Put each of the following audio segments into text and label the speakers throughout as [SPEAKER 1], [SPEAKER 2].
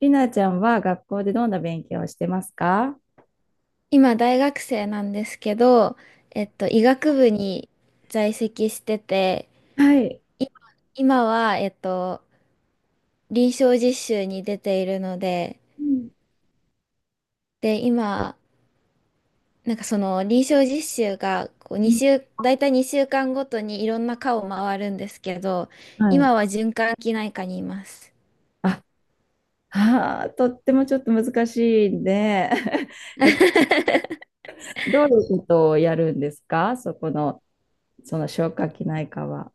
[SPEAKER 1] りなちゃんは学校でどんな勉強をしてますか？
[SPEAKER 2] 今大学生なんですけど、医学部に在籍してて、
[SPEAKER 1] はい。
[SPEAKER 2] 今、今は臨床実習に出ているので、
[SPEAKER 1] うん、
[SPEAKER 2] で、今、なんかその臨床実習がこう
[SPEAKER 1] う
[SPEAKER 2] 2
[SPEAKER 1] ん。
[SPEAKER 2] 週、大体2週間ごとにいろんな科を回るんですけど、
[SPEAKER 1] は
[SPEAKER 2] 今
[SPEAKER 1] い。
[SPEAKER 2] は循環器内科にいます。
[SPEAKER 1] あ、はあ、とってもちょっと難しいんで、 えっと、どういうことをやるんですかそこの、その消化器内科は。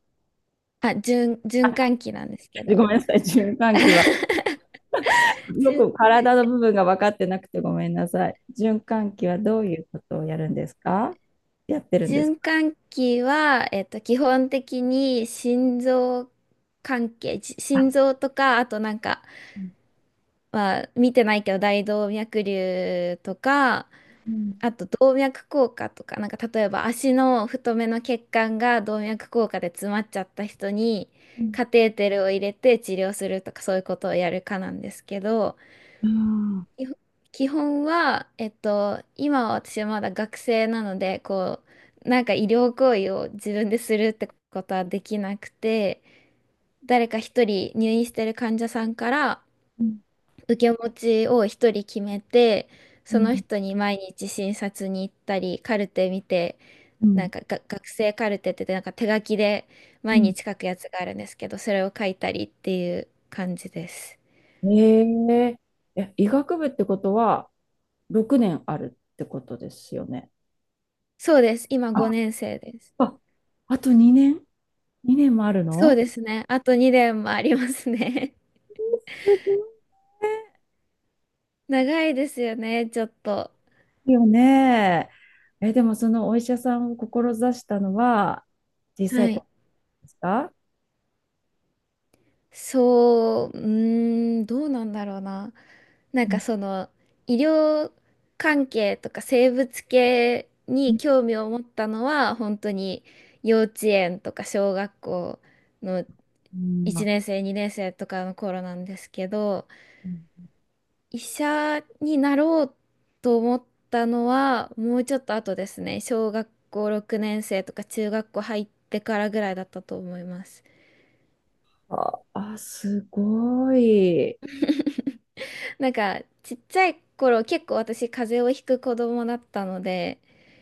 [SPEAKER 2] あ、循環器なんですけど。
[SPEAKER 1] ごめんなさい、循環器は。よく
[SPEAKER 2] 循
[SPEAKER 1] 体の部分が分かってなくてごめんなさい。循環器はどういうことをやるんですか？やってるんです
[SPEAKER 2] 循
[SPEAKER 1] か？
[SPEAKER 2] 環器は、基本的に心臓関係、心
[SPEAKER 1] あ、
[SPEAKER 2] 臓とか、あとなんか、
[SPEAKER 1] うん、
[SPEAKER 2] まあ、見てないけど大動脈瘤とか、
[SPEAKER 1] うん、
[SPEAKER 2] あと動脈硬化とか、なんか例えば足の太めの血管が動脈硬化で詰まっちゃった人に
[SPEAKER 1] うん、
[SPEAKER 2] カテーテルを入れて治療するとかそういうことをやるかなんですけど、
[SPEAKER 1] あ
[SPEAKER 2] 基本基本は、今は私はまだ学生なので、こう、なんか医療行為を自分でするってことはできなくて、誰か一人入院してる患者さんから
[SPEAKER 1] ー、うん、
[SPEAKER 2] 受け持ちを一人決めて、その人に毎日診察に行ったり、カルテ見て、
[SPEAKER 1] う
[SPEAKER 2] なん
[SPEAKER 1] ん、
[SPEAKER 2] かが学生カルテって言ってなんか手書きで
[SPEAKER 1] う
[SPEAKER 2] 毎
[SPEAKER 1] ん。
[SPEAKER 2] 日書くやつがあるんですけど、それを書いたりっていう感じです。
[SPEAKER 1] え、え、え、医学部ってことは6年あるってことですよね？
[SPEAKER 2] そうです。今
[SPEAKER 1] あ、
[SPEAKER 2] 5年生です。
[SPEAKER 1] あ、あと2年？ 2 年もある
[SPEAKER 2] そう
[SPEAKER 1] の？
[SPEAKER 2] ですね。あと2年もありますね。
[SPEAKER 1] すご
[SPEAKER 2] 長いですよね、ちょっと。
[SPEAKER 1] いよね。え、でもそのお医者さんを志したのは小さ
[SPEAKER 2] は
[SPEAKER 1] い子
[SPEAKER 2] い。
[SPEAKER 1] ですか？
[SPEAKER 2] そう、うーん、どうなんだろうな。な
[SPEAKER 1] う
[SPEAKER 2] んか
[SPEAKER 1] ん、
[SPEAKER 2] その、医療関係とか生物系
[SPEAKER 1] う
[SPEAKER 2] に
[SPEAKER 1] ん、
[SPEAKER 2] 興味を持ったのは、本当に幼稚園とか小学校の
[SPEAKER 1] う
[SPEAKER 2] 1
[SPEAKER 1] ん、
[SPEAKER 2] 年
[SPEAKER 1] あ、
[SPEAKER 2] 生、2年生とかの頃なんですけど、
[SPEAKER 1] うん、
[SPEAKER 2] 医者になろうと思ったのはもうちょっと後ですね。小学校6年生とか中学校入ってからぐらいだったと思います。
[SPEAKER 1] ああ、すごい。
[SPEAKER 2] なんかちっちゃい頃結構私風邪をひく子供だったので、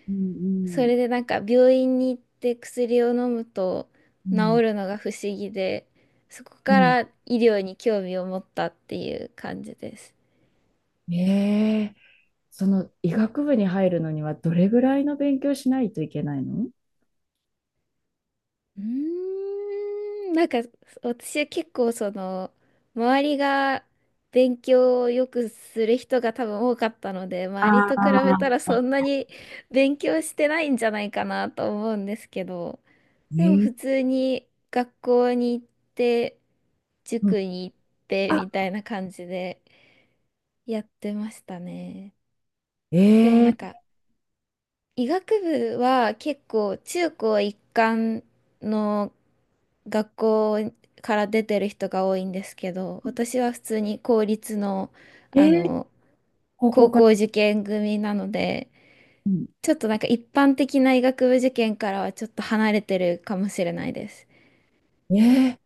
[SPEAKER 1] うん、
[SPEAKER 2] そ
[SPEAKER 1] うん。
[SPEAKER 2] れでなんか病院に行って薬を飲むと
[SPEAKER 1] う
[SPEAKER 2] 治
[SPEAKER 1] ん、
[SPEAKER 2] るのが不思議で、そこ
[SPEAKER 1] う
[SPEAKER 2] か
[SPEAKER 1] ん。
[SPEAKER 2] ら医療に興味を持ったっていう感じです。
[SPEAKER 1] え、え、その医学部に入るのにはどれぐらいの勉強しないといけないの？
[SPEAKER 2] うーん、なんか私は結構その周りが勉強をよくする人が多分多かったので周り
[SPEAKER 1] あ
[SPEAKER 2] と比べた
[SPEAKER 1] あ、
[SPEAKER 2] らそんなに勉強してないんじゃないかなと思うんですけどでも
[SPEAKER 1] え、
[SPEAKER 2] 普
[SPEAKER 1] え、
[SPEAKER 2] 通に学校に行って
[SPEAKER 1] うん、
[SPEAKER 2] 塾に行って
[SPEAKER 1] あ、
[SPEAKER 2] みたいな感じでやってましたね。でもなん
[SPEAKER 1] え、
[SPEAKER 2] か医学部は結構中高一貫の学校から出てる人が多いんですけど、私は普通に公立の、
[SPEAKER 1] え
[SPEAKER 2] あ
[SPEAKER 1] ー、
[SPEAKER 2] の、
[SPEAKER 1] こ
[SPEAKER 2] 高
[SPEAKER 1] か
[SPEAKER 2] 校
[SPEAKER 1] ら、
[SPEAKER 2] 受験組なので、
[SPEAKER 1] うん、
[SPEAKER 2] ちょっとなんか一般的な医学部受験からはちょっと離れてるかもしれないです。
[SPEAKER 1] え、え、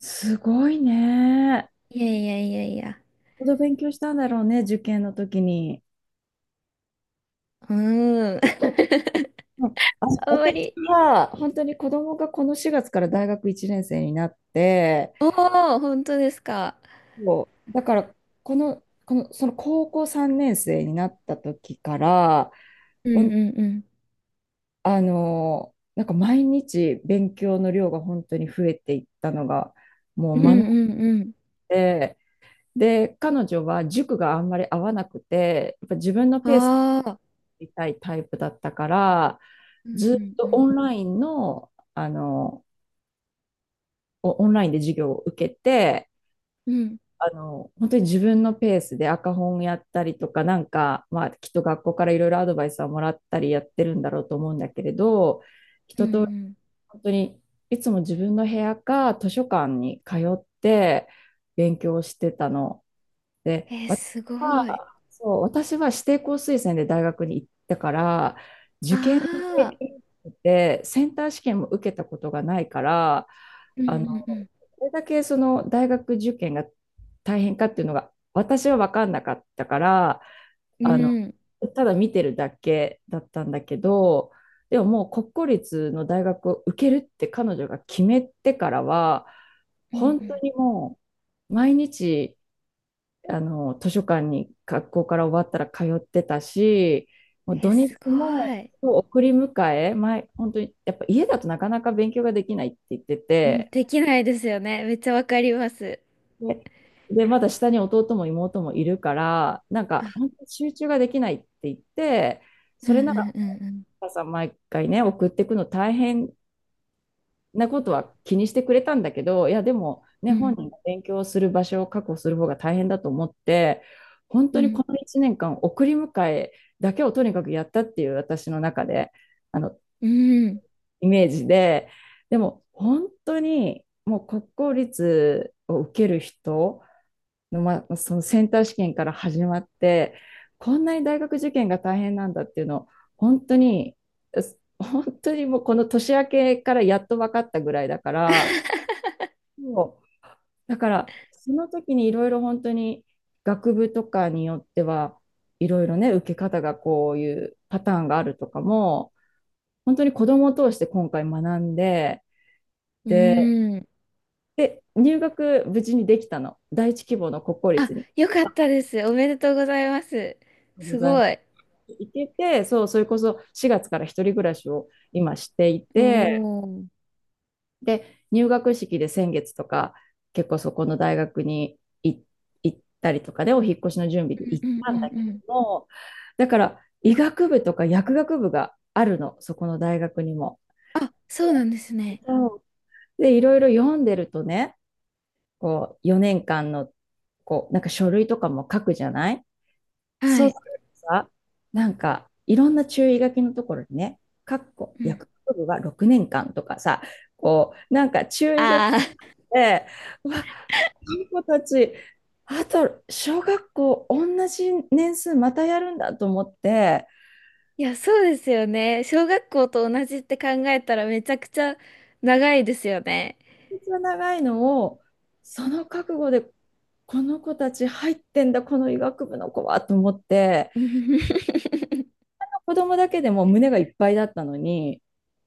[SPEAKER 1] すごいね。よ
[SPEAKER 2] いやいやいやいや。
[SPEAKER 1] ほど勉強したんだろうね、受験の時に。
[SPEAKER 2] うーん。
[SPEAKER 1] うん、あ、
[SPEAKER 2] あんま
[SPEAKER 1] 私
[SPEAKER 2] り。
[SPEAKER 1] は、本当に子供がこの4月から大学1年生になって、
[SPEAKER 2] おー、本当ですか。
[SPEAKER 1] そうだからこの、この、その高校3年生になった時から、
[SPEAKER 2] うんう
[SPEAKER 1] ほん
[SPEAKER 2] んうん。
[SPEAKER 1] あの、なんか毎日勉強の量が本当に増えていったのが、も
[SPEAKER 2] う
[SPEAKER 1] う学ん
[SPEAKER 2] んうん
[SPEAKER 1] で、で、彼女は塾があんまり合わなくて、やっぱ自分の
[SPEAKER 2] う
[SPEAKER 1] ペースで
[SPEAKER 2] ん。ああ。
[SPEAKER 1] いたいタイプだったから、
[SPEAKER 2] うん
[SPEAKER 1] ず
[SPEAKER 2] う
[SPEAKER 1] っ
[SPEAKER 2] んう
[SPEAKER 1] と
[SPEAKER 2] ん。
[SPEAKER 1] オンラインの、あの、オンラインで授業を受けて、
[SPEAKER 2] うん
[SPEAKER 1] あの、本当に自分のペースで赤本やったりとか、なんか、まあ、きっと学校からいろいろアドバイスはもらったりやってるんだろうと思うんだけれど、
[SPEAKER 2] うんうん。
[SPEAKER 1] 本当にいつも自分の部屋か図書館に通って勉強してたの。で、
[SPEAKER 2] えー、
[SPEAKER 1] 私
[SPEAKER 2] すごい。
[SPEAKER 1] は、そう、私は指定校推薦で大学に行ったから、受験に
[SPEAKER 2] あ
[SPEAKER 1] 経
[SPEAKER 2] あ、
[SPEAKER 1] 験なくて、センター試験も受けたことがないから、
[SPEAKER 2] う
[SPEAKER 1] あの、
[SPEAKER 2] んうん
[SPEAKER 1] これだけその大学受験が大変かっていうのが、私は分かんなかったから、
[SPEAKER 2] う
[SPEAKER 1] あの、
[SPEAKER 2] ん。うん。
[SPEAKER 1] ただ見てるだけだったんだけど、でももう国公立の大学を受けるって彼女が決めてからは、
[SPEAKER 2] うん
[SPEAKER 1] 本
[SPEAKER 2] う
[SPEAKER 1] 当
[SPEAKER 2] ん。
[SPEAKER 1] にもう毎日、あの、図書館に学校から終わったら通ってたし、もう
[SPEAKER 2] えー、
[SPEAKER 1] 土日
[SPEAKER 2] すご
[SPEAKER 1] も
[SPEAKER 2] い。
[SPEAKER 1] 送り迎え、前、本当に、やっぱ家だとなかなか勉強ができないって言って
[SPEAKER 2] うん、
[SPEAKER 1] て、
[SPEAKER 2] できないですよね。めっちゃわかります。
[SPEAKER 1] で、で、まだ下に弟も妹もいるから、なんか本当に集中ができないって言って、
[SPEAKER 2] う
[SPEAKER 1] そ
[SPEAKER 2] ん
[SPEAKER 1] れ
[SPEAKER 2] う
[SPEAKER 1] なら、
[SPEAKER 2] んうん
[SPEAKER 1] お母さん毎回ね、送っていくの大変なことは気にしてくれたんだけど、いや、でも、ね、
[SPEAKER 2] うん。う
[SPEAKER 1] 本
[SPEAKER 2] ん
[SPEAKER 1] 人が勉強する場所を確保する方が大変だと思って、本
[SPEAKER 2] う
[SPEAKER 1] 当に
[SPEAKER 2] ん。
[SPEAKER 1] この1年間、送り迎えだけをとにかくやったっていう私の中で、あの、
[SPEAKER 2] うん。
[SPEAKER 1] イメージで、でも、本当に、もう国公立を受ける人の、ま、そのセンター試験から始まって、こんなに大学受験が大変なんだっていうのを、本当に、本当にもうこの年明けからやっと分かったぐらいだから、そう。だから、その時にいろいろ本当に学部とかによっては、いろいろね、受け方がこういうパターンがあるとかも、本当に子供を通して今回学んで、
[SPEAKER 2] う
[SPEAKER 1] で、
[SPEAKER 2] ん。
[SPEAKER 1] で、入学無事にできたの。第一希望の国公
[SPEAKER 2] あ、
[SPEAKER 1] 立に。
[SPEAKER 2] よかったです。おめでとうございます。
[SPEAKER 1] ご
[SPEAKER 2] す
[SPEAKER 1] ざいま
[SPEAKER 2] ご
[SPEAKER 1] す。
[SPEAKER 2] い。
[SPEAKER 1] 行けて、そう、それこそ4月から一人暮らしを今していて、
[SPEAKER 2] おお。うん
[SPEAKER 1] で、入学式で先月とか、結構そこの大学に行ったりとかで、お引っ越しの準備で行っ
[SPEAKER 2] うんう
[SPEAKER 1] たん
[SPEAKER 2] ん
[SPEAKER 1] だ
[SPEAKER 2] う
[SPEAKER 1] けれ
[SPEAKER 2] ん。
[SPEAKER 1] ども、だから医学部とか薬学部があるの、そこの大学にも。
[SPEAKER 2] あ、そうなんですね。
[SPEAKER 1] で、いろいろ読んでるとね、こう、4年間の、こう、なんか書類とかも書くじゃない？
[SPEAKER 2] は
[SPEAKER 1] そう
[SPEAKER 2] い。
[SPEAKER 1] するとさ、なんか、いろんな注意書きのところにね、かっこ
[SPEAKER 2] うん。
[SPEAKER 1] 薬学部は6年間とかさ、こう、なんか注意書き
[SPEAKER 2] ああ。
[SPEAKER 1] て、うわ、この子たち、あと小学校同じ年数またやるんだと思って、
[SPEAKER 2] いや、そうですよね。小学校と同じって考えたらめちゃくちゃ長いですよね。
[SPEAKER 1] めっちゃ長いのを、その覚悟で、この子たち入ってんだ、この医学部の子はと思って、子供だけでも胸がいっぱいだったのに、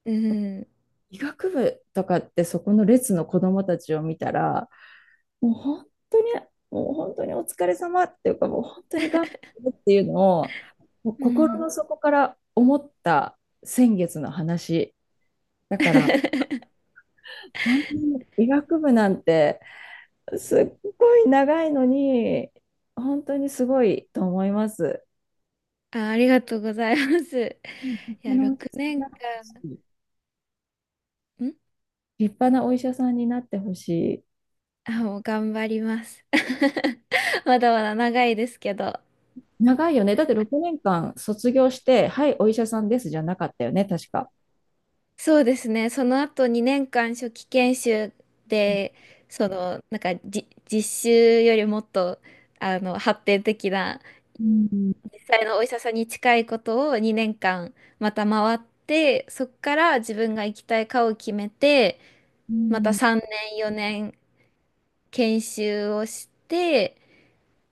[SPEAKER 2] うん。
[SPEAKER 1] 医学部とかってそこの列の子供たちを見たら、もう本当に、もう本当にお疲れ様っていうか、もう本当に頑 張ってっていうのを、もう
[SPEAKER 2] うん。う
[SPEAKER 1] 心
[SPEAKER 2] ん
[SPEAKER 1] の底から思った先月の話。だから、本当に医学部なんてすっごい長いのに、本当にすごいと思います。
[SPEAKER 2] あ、ありがとうございます。
[SPEAKER 1] うん。
[SPEAKER 2] いや、6年間、
[SPEAKER 1] 立派なお医者さんになってほしい。立派なお医者さんになってほしい。
[SPEAKER 2] もう頑張ります。まだまだ長いですけど。
[SPEAKER 1] 長いよね。だって6年間卒業して、はい、お医者さんですじゃなかったよね、確か。
[SPEAKER 2] そうですね。その後2年間初期研修で、その、なんかじ、実習よりもっと、あの、発展的な
[SPEAKER 1] うん、
[SPEAKER 2] 実際のお医者さんに近いことを2年間また回ってそこから自分が行きたい科を決めて
[SPEAKER 1] う
[SPEAKER 2] また
[SPEAKER 1] ん、
[SPEAKER 2] 3年4年研修をして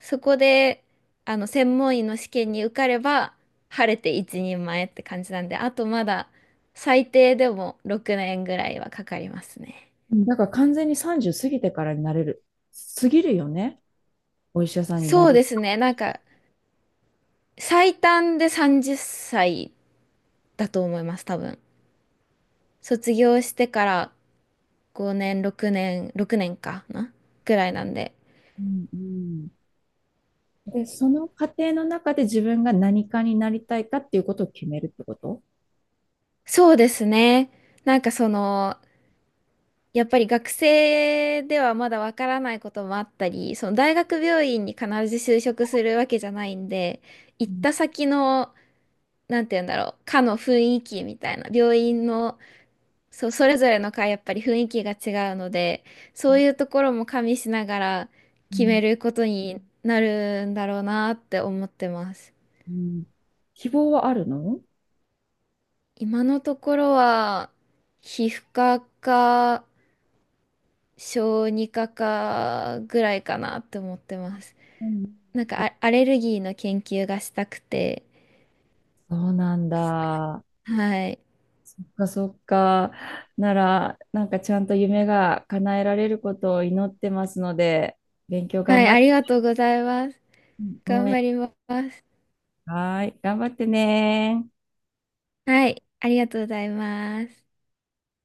[SPEAKER 2] そこであの専門医の試験に受かれば晴れて一人前って感じなんであとまだ最低でも6年ぐらいはかかりますね。
[SPEAKER 1] うん。だから完全に30過ぎてからになれる、過ぎるよね、お医者さんにな
[SPEAKER 2] そう
[SPEAKER 1] れ
[SPEAKER 2] で
[SPEAKER 1] る。
[SPEAKER 2] すねなんか最短で30歳だと思います多分。卒業してから5年、6年、6年かなぐらいなんで。
[SPEAKER 1] うん、うん。で、その過程の中で自分が何かになりたいかっていうことを決めるってこと？
[SPEAKER 2] そうですね。なんかその、やっぱり学生ではまだわからないこともあったり、その大学病院に必ず就職するわけじゃないんで、行
[SPEAKER 1] う
[SPEAKER 2] っ
[SPEAKER 1] ん、
[SPEAKER 2] た先の、なんて言うんだろう、科の雰囲気みたいな、病院の、そう、それぞれの科やっぱり雰囲気が違うので、そういうところも加味しながら
[SPEAKER 1] う
[SPEAKER 2] 決め
[SPEAKER 1] ん、
[SPEAKER 2] ることになるんだろうなって思ってます。
[SPEAKER 1] うん。希望はあるの？
[SPEAKER 2] 今のところは皮膚科か小児科かぐらいかなって思ってます。
[SPEAKER 1] うん。
[SPEAKER 2] なんかあアレルギーの研究がしたくて。
[SPEAKER 1] そうなんだ。
[SPEAKER 2] はい。
[SPEAKER 1] そっかそっか。なら、なんかちゃんと夢が叶えられることを祈ってますので、勉強
[SPEAKER 2] は
[SPEAKER 1] 頑
[SPEAKER 2] い、
[SPEAKER 1] 張っ
[SPEAKER 2] あ
[SPEAKER 1] て、
[SPEAKER 2] りがとうございます。
[SPEAKER 1] 応
[SPEAKER 2] 頑張
[SPEAKER 1] 援、
[SPEAKER 2] ります。
[SPEAKER 1] はい、頑張ってね。
[SPEAKER 2] はい、ありがとうございます。